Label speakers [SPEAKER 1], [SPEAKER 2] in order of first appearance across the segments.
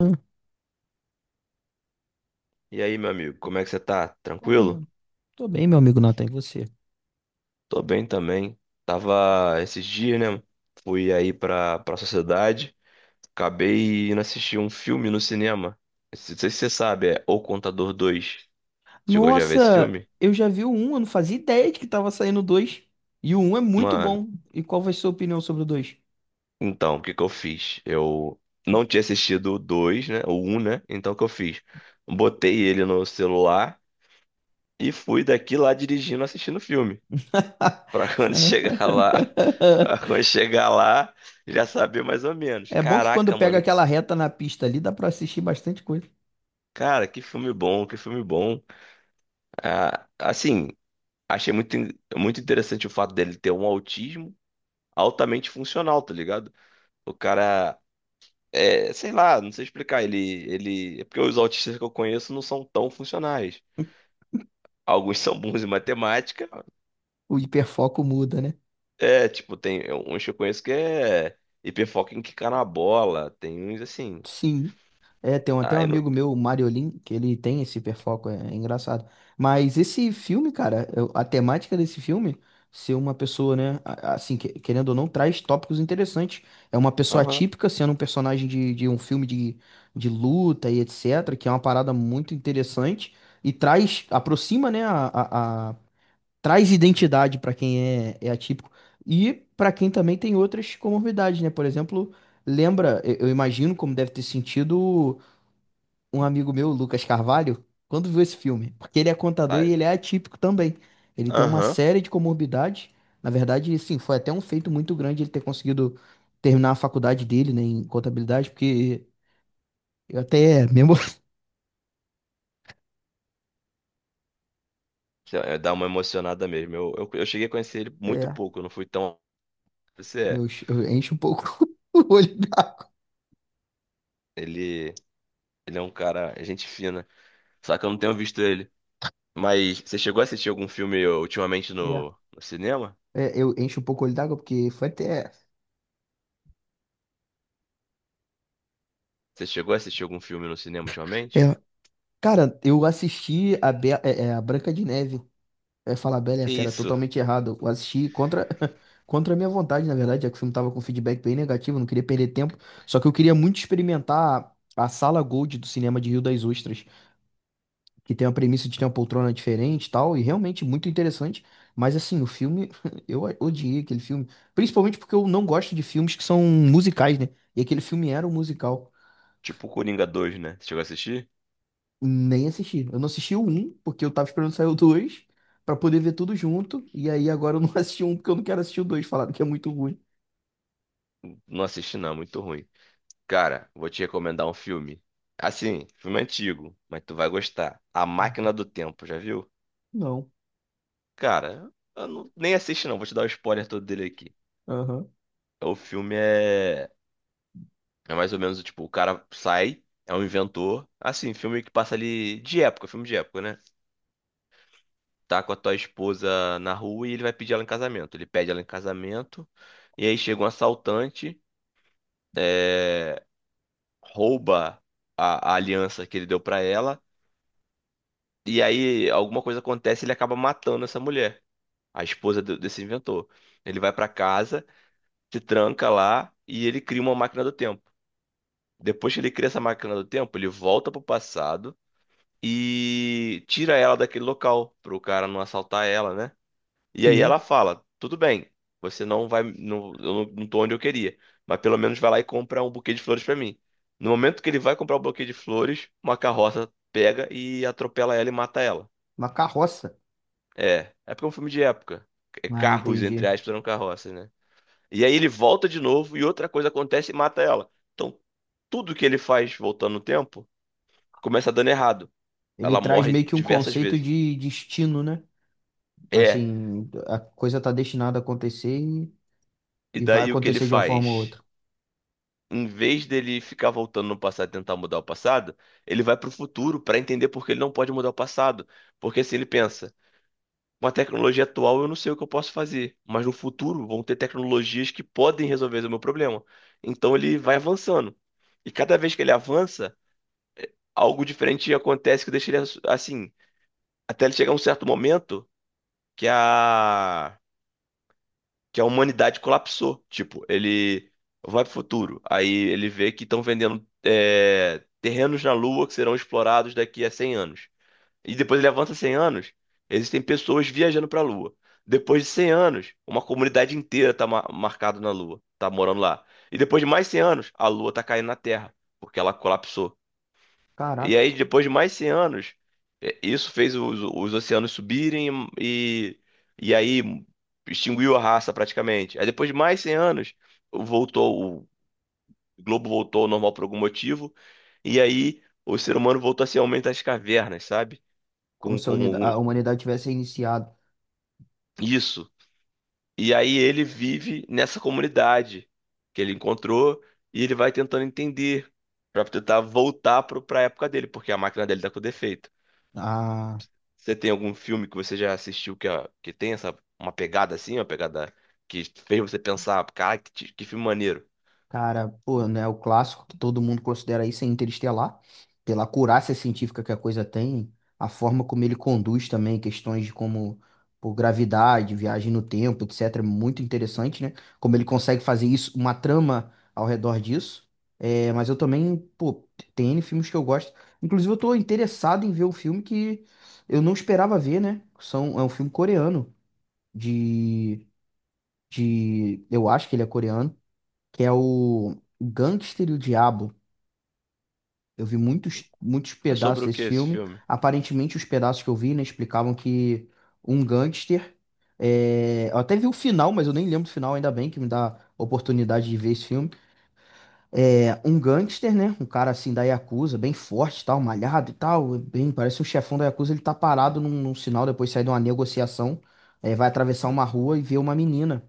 [SPEAKER 1] Ah,
[SPEAKER 2] E aí, meu amigo, como é que você tá?
[SPEAKER 1] bom,
[SPEAKER 2] Tranquilo?
[SPEAKER 1] meu. Tô bem, meu amigo Nathan, e você?
[SPEAKER 2] Tô bem também. Tava esses dias, né? Fui aí pra sociedade. Acabei indo assistir um filme no cinema. Não sei se você sabe, é O Contador 2. Chegou já a ver esse
[SPEAKER 1] Nossa,
[SPEAKER 2] filme?
[SPEAKER 1] eu já vi o 1, eu não fazia ideia de que tava saindo o 2. E o 1 é muito
[SPEAKER 2] Mano,
[SPEAKER 1] bom. E qual vai ser a sua opinião sobre o 2?
[SPEAKER 2] então, o que que eu fiz? Eu não tinha assistido o 2, né? O um, né? Então, o que eu fiz? Botei ele no celular e fui daqui lá dirigindo, assistindo o filme. Pra quando chegar lá, pra quando chegar lá, já saber mais ou menos.
[SPEAKER 1] É bom que quando
[SPEAKER 2] Caraca,
[SPEAKER 1] pega
[SPEAKER 2] mano,
[SPEAKER 1] aquela reta na pista ali, dá pra assistir bastante coisa.
[SPEAKER 2] cara, que filme bom, que filme bom. Ah, assim, achei muito, muito interessante o fato dele ter um autismo altamente funcional, tá ligado? O cara, é, sei lá, não sei explicar, ele, é porque os autistas que eu conheço não são tão funcionais. Alguns são bons em matemática,
[SPEAKER 1] O hiperfoco muda, né?
[SPEAKER 2] é, tipo, tem uns que eu conheço que é hiperfoco em quicar na bola, tem uns assim.
[SPEAKER 1] Sim. É, tem até um
[SPEAKER 2] Aí
[SPEAKER 1] amigo meu, o Mariolin, que ele tem esse hiperfoco, é engraçado. Mas esse filme, cara, a temática desse filme, ser uma pessoa, né, assim, querendo ou não, traz tópicos interessantes. É uma pessoa
[SPEAKER 2] não.
[SPEAKER 1] atípica sendo um personagem de um filme de luta e etc, que é uma parada muito interessante e traz, aproxima, né, traz identidade para quem é atípico e para quem também tem outras comorbidades, né? Por exemplo, lembra, eu imagino como deve ter sentido um amigo meu, Lucas Carvalho, quando viu esse filme, porque ele é contador e
[SPEAKER 2] Ah,
[SPEAKER 1] ele é atípico também. Ele tem uma
[SPEAKER 2] aham.
[SPEAKER 1] série de comorbidades. Na verdade, sim, foi até um feito muito grande ele ter conseguido terminar a faculdade dele, né, em contabilidade, porque eu até mesmo
[SPEAKER 2] Sei lá, dá uma emocionada mesmo. Eu cheguei a conhecer ele muito
[SPEAKER 1] é,
[SPEAKER 2] pouco, eu não fui tão. Você é.
[SPEAKER 1] eu encho um pouco o olho d'água.
[SPEAKER 2] Ele, ele é um cara, é gente fina. Só que eu não tenho visto ele. Mas você chegou a assistir algum filme ultimamente
[SPEAKER 1] É,
[SPEAKER 2] no, no cinema?
[SPEAKER 1] eu encho um pouco o olho d'água porque foi até
[SPEAKER 2] Você chegou a assistir algum filme no cinema ultimamente?
[SPEAKER 1] é, Cara, eu assisti a, Be é, é, a Branca de Neve. Eu ia falar Bela e a
[SPEAKER 2] Que
[SPEAKER 1] Fera,
[SPEAKER 2] isso?
[SPEAKER 1] totalmente errado. Eu assisti contra, contra a minha vontade, na verdade, já que o filme tava com feedback bem negativo, eu não queria perder tempo. Só que eu queria muito experimentar a sala Gold do cinema de Rio das Ostras, que tem a premissa de ter uma poltrona diferente e tal, e realmente muito interessante. Mas assim, o filme, eu odiei aquele filme. Principalmente porque eu não gosto de filmes que são musicais, né? E aquele filme era um musical.
[SPEAKER 2] Tipo Coringa dois, né? Você chegou a assistir?
[SPEAKER 1] Nem assisti. Eu não assisti o um porque eu tava esperando sair o 2 pra poder ver tudo junto. E aí agora eu não assisti um porque eu não quero assistir o dois. Falaram que é muito ruim.
[SPEAKER 2] Não assisti, não, muito ruim. Cara, vou te recomendar um filme. Assim, filme antigo, mas tu vai gostar. A Máquina do Tempo, já viu?
[SPEAKER 1] Não.
[SPEAKER 2] Cara, eu nem assisti não, vou te dar o spoiler todo dele aqui.
[SPEAKER 1] Aham.
[SPEAKER 2] O filme é, é mais ou menos tipo, o cara sai, é um inventor. Assim, filme que passa ali de época, filme de época, né? Tá com a tua esposa na rua e ele vai pedir ela em casamento. Ele pede ela em casamento, e aí chega um assaltante, é, rouba a aliança que ele deu pra ela, e aí alguma coisa acontece e ele acaba matando essa mulher, a esposa desse inventor. Ele vai pra casa. Se tranca lá e ele cria uma máquina do tempo. Depois que ele cria essa máquina do tempo, ele volta pro passado e tira ela daquele local, pro cara não assaltar ela, né? E aí ela
[SPEAKER 1] Sim.
[SPEAKER 2] fala: "Tudo bem, você não vai, não, eu não, não tô onde eu queria, mas pelo menos vai lá e compra um buquê de flores pra mim." No momento que ele vai comprar o buquê de flores, uma carroça pega e atropela ela e mata ela.
[SPEAKER 1] Uma carroça.
[SPEAKER 2] É, é porque é um filme de época. É
[SPEAKER 1] Ah,
[SPEAKER 2] Carros, entre
[SPEAKER 1] entendi.
[SPEAKER 2] aspas, eram carroças, né? E aí ele volta de novo e outra coisa acontece e mata ela. Então, tudo que ele faz voltando no tempo começa dando errado.
[SPEAKER 1] Ele
[SPEAKER 2] Ela
[SPEAKER 1] traz
[SPEAKER 2] morre
[SPEAKER 1] meio que um
[SPEAKER 2] diversas
[SPEAKER 1] conceito
[SPEAKER 2] vezes.
[SPEAKER 1] de destino, né?
[SPEAKER 2] É.
[SPEAKER 1] Assim, a coisa tá destinada a acontecer
[SPEAKER 2] E
[SPEAKER 1] e vai
[SPEAKER 2] daí o que ele
[SPEAKER 1] acontecer de uma forma ou
[SPEAKER 2] faz?
[SPEAKER 1] outra.
[SPEAKER 2] Em vez dele ficar voltando no passado e tentar mudar o passado, ele vai pro futuro pra entender por que ele não pode mudar o passado. Porque assim ele pensa: com a tecnologia atual eu não sei o que eu posso fazer, mas no futuro vão ter tecnologias que podem resolver o meu problema. Então ele vai avançando. E cada vez que ele avança, algo diferente acontece que deixa ele assim, até ele chegar a um certo momento que a que a humanidade colapsou. Tipo, ele vai pro futuro, aí ele vê que estão vendendo terrenos na Lua que serão explorados daqui a 100 anos. E depois ele avança 100 anos, existem pessoas viajando pra Lua. Depois de 100 anos, uma comunidade inteira tá marcada na Lua, tá morando lá. E depois de mais 100 anos, a Lua tá caindo na Terra, porque ela colapsou. E
[SPEAKER 1] Caraca,
[SPEAKER 2] aí, depois de mais 100 anos, é, isso fez os oceanos subirem e aí extinguiu a raça praticamente. Aí, depois de mais 100 anos, voltou, o globo voltou ao normal por algum motivo. E aí, o ser humano voltou a ser aumento das cavernas, sabe?
[SPEAKER 1] como
[SPEAKER 2] Com,
[SPEAKER 1] se a unida-
[SPEAKER 2] com
[SPEAKER 1] a humanidade tivesse iniciado.
[SPEAKER 2] isso. E aí, ele vive nessa comunidade que ele encontrou e ele vai tentando entender para tentar voltar para a época dele, porque a máquina dele está com defeito. Você tem algum filme que você já assistiu que, que tem essa, uma pegada assim, uma pegada que fez você pensar, cara, que, que filme maneiro.
[SPEAKER 1] Cara, pô, né, o clássico que todo mundo considera isso é Interestelar, pela acurácia científica que a coisa tem, a forma como ele conduz também questões de como, por gravidade, viagem no tempo, etc, é muito interessante, né? Como ele consegue fazer isso, uma trama ao redor disso. É, mas eu também, pô, tem N filmes que eu gosto. Inclusive, eu tô interessado em ver um filme que eu não esperava ver, né? São, é um filme coreano, de, eu acho que ele é coreano que é o Gangster e o Diabo. Eu vi muitos, muitos
[SPEAKER 2] É
[SPEAKER 1] pedaços
[SPEAKER 2] sobre o
[SPEAKER 1] desse
[SPEAKER 2] que esse
[SPEAKER 1] filme.
[SPEAKER 2] filme?
[SPEAKER 1] Aparentemente, os pedaços que eu vi, né, explicavam que um gangster. Eu até vi o final, mas eu nem lembro do final, ainda bem que me dá a oportunidade de ver esse filme. É um gangster, né? Um cara assim da Yakuza, bem forte, e tal, malhado e tal. Bem, parece um chefão da Yakuza. Ele tá parado num sinal, depois sai de uma negociação. Vai atravessar uma rua e vê uma menina.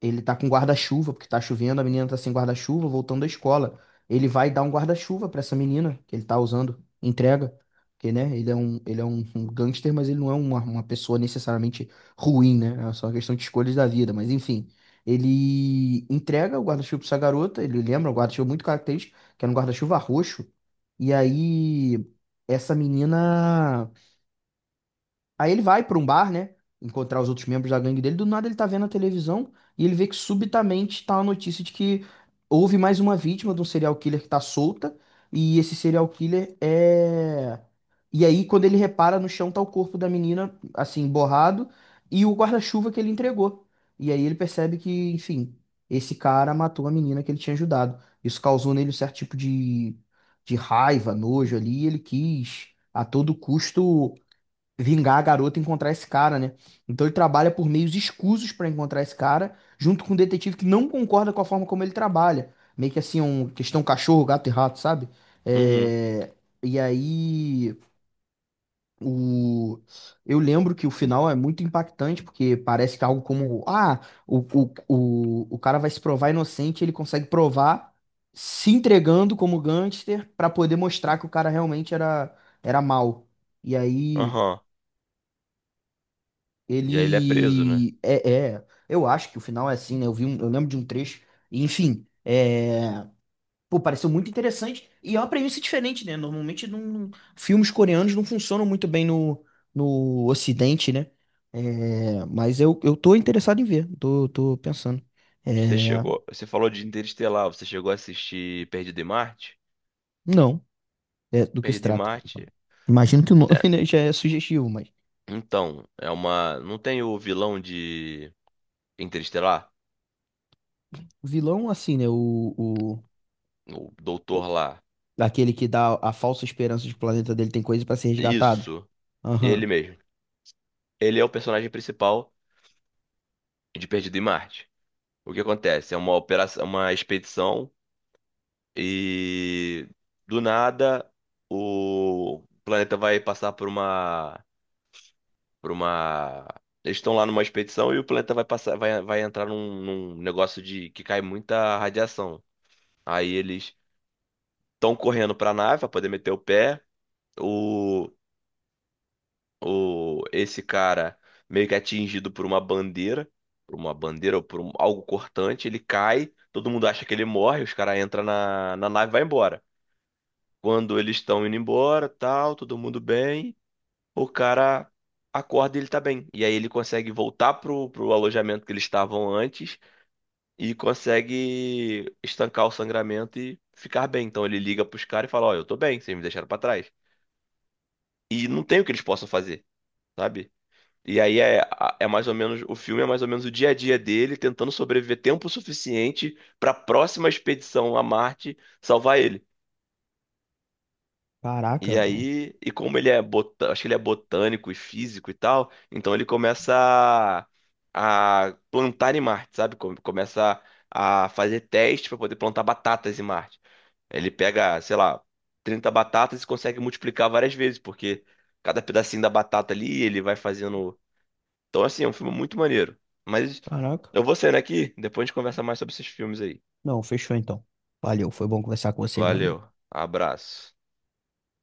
[SPEAKER 1] Ele tá com guarda-chuva, porque tá chovendo, a menina tá sem guarda-chuva, voltando da escola. Ele vai dar um guarda-chuva pra essa menina que ele tá usando, entrega. Porque, né, um gangster, mas ele não é uma pessoa necessariamente ruim, né? É só uma questão de escolhas da vida, mas enfim. Ele entrega o guarda-chuva pra essa garota, ele lembra um guarda-chuva muito característico, que era um guarda-chuva roxo. E aí, essa menina. Aí ele vai pra um bar, né? Encontrar os outros membros da gangue dele. Do nada ele tá vendo a televisão e ele vê que subitamente tá a notícia de que houve mais uma vítima de um serial killer que tá solta. E esse serial killer é. E aí, quando ele repara no chão, tá o corpo da menina, assim, borrado, e o guarda-chuva que ele entregou. E aí ele percebe que, enfim, esse cara matou a menina que ele tinha ajudado. Isso causou nele um certo tipo de, raiva, nojo ali, e ele quis, a todo custo vingar a garota e encontrar esse cara, né? Então ele trabalha por meios escusos pra encontrar esse cara, junto com um detetive que não concorda com a forma como ele trabalha. Meio que assim, um questão cachorro, gato e rato, sabe?
[SPEAKER 2] Uhum,
[SPEAKER 1] É, e aí, o... eu lembro que o final é muito impactante, porque parece que é algo como, ah, o cara vai se provar inocente, ele consegue provar se entregando como gangster pra poder mostrar que o cara realmente era, era mal. E aí,
[SPEAKER 2] aham. E aí ele é preso, né?
[SPEAKER 1] ele é, eu acho que o final é assim, né? Eu vi um, eu lembro de um trecho, e, enfim, é, pô, pareceu muito interessante e é uma premissa diferente, né? Normalmente filmes coreanos não funcionam muito bem no, Ocidente, né? É, mas eu tô interessado em ver, tô pensando.
[SPEAKER 2] Você
[SPEAKER 1] É,
[SPEAKER 2] chegou, você falou de Interestelar, você chegou a assistir Perdido em Marte?
[SPEAKER 1] não, é, do que se
[SPEAKER 2] Perdido em
[SPEAKER 1] trata.
[SPEAKER 2] Marte,
[SPEAKER 1] Imagino que o nome,
[SPEAKER 2] é,
[SPEAKER 1] né, já é sugestivo, mas
[SPEAKER 2] então, é uma, não tem o vilão de Interestelar?
[SPEAKER 1] o vilão, assim, né? O,
[SPEAKER 2] O
[SPEAKER 1] o-
[SPEAKER 2] doutor lá.
[SPEAKER 1] aquele que dá a falsa esperança de que o planeta dele tem coisa pra ser resgatado.
[SPEAKER 2] Isso,
[SPEAKER 1] Aham.
[SPEAKER 2] ele mesmo. Ele é o personagem principal de Perdido em Marte. O que acontece? É uma operação, uma expedição e do nada o planeta vai passar por uma, por uma. Eles estão lá numa expedição e o planeta vai passar, vai entrar num negócio de que cai muita radiação. Aí eles estão correndo para a nave para poder meter o pé. O, o esse cara meio que é atingido por uma bandeira ou por algo cortante, ele cai. Todo mundo acha que ele morre, os caras entram na nave e vai embora. Quando eles estão indo embora, tal, todo mundo bem, o cara acorda e ele tá bem. E aí ele consegue voltar pro alojamento que eles estavam antes e consegue estancar o sangramento e ficar bem. Então ele liga pros caras e fala: "Ó, eu tô bem, vocês me deixaram pra trás." E não tem o que eles possam fazer, sabe? E aí é mais ou menos, o filme é mais ou menos o dia a dia dele tentando sobreviver tempo suficiente pra próxima expedição a Marte salvar ele. E
[SPEAKER 1] Caraca.
[SPEAKER 2] aí, e como ele é botânico, acho que ele é botânico e físico e tal, então ele começa a, plantar em Marte, sabe? Começa a fazer testes para poder plantar batatas em Marte. Ele pega, sei lá, 30 batatas e consegue multiplicar várias vezes, porque cada pedacinho da batata ali ele vai fazendo. Então, assim, é um filme muito maneiro. Mas
[SPEAKER 1] Caraca.
[SPEAKER 2] eu vou saindo aqui, depois a gente conversa mais sobre esses filmes aí.
[SPEAKER 1] Não, fechou então. Valeu, foi bom conversar com você, meu amigo.
[SPEAKER 2] Valeu, abraço.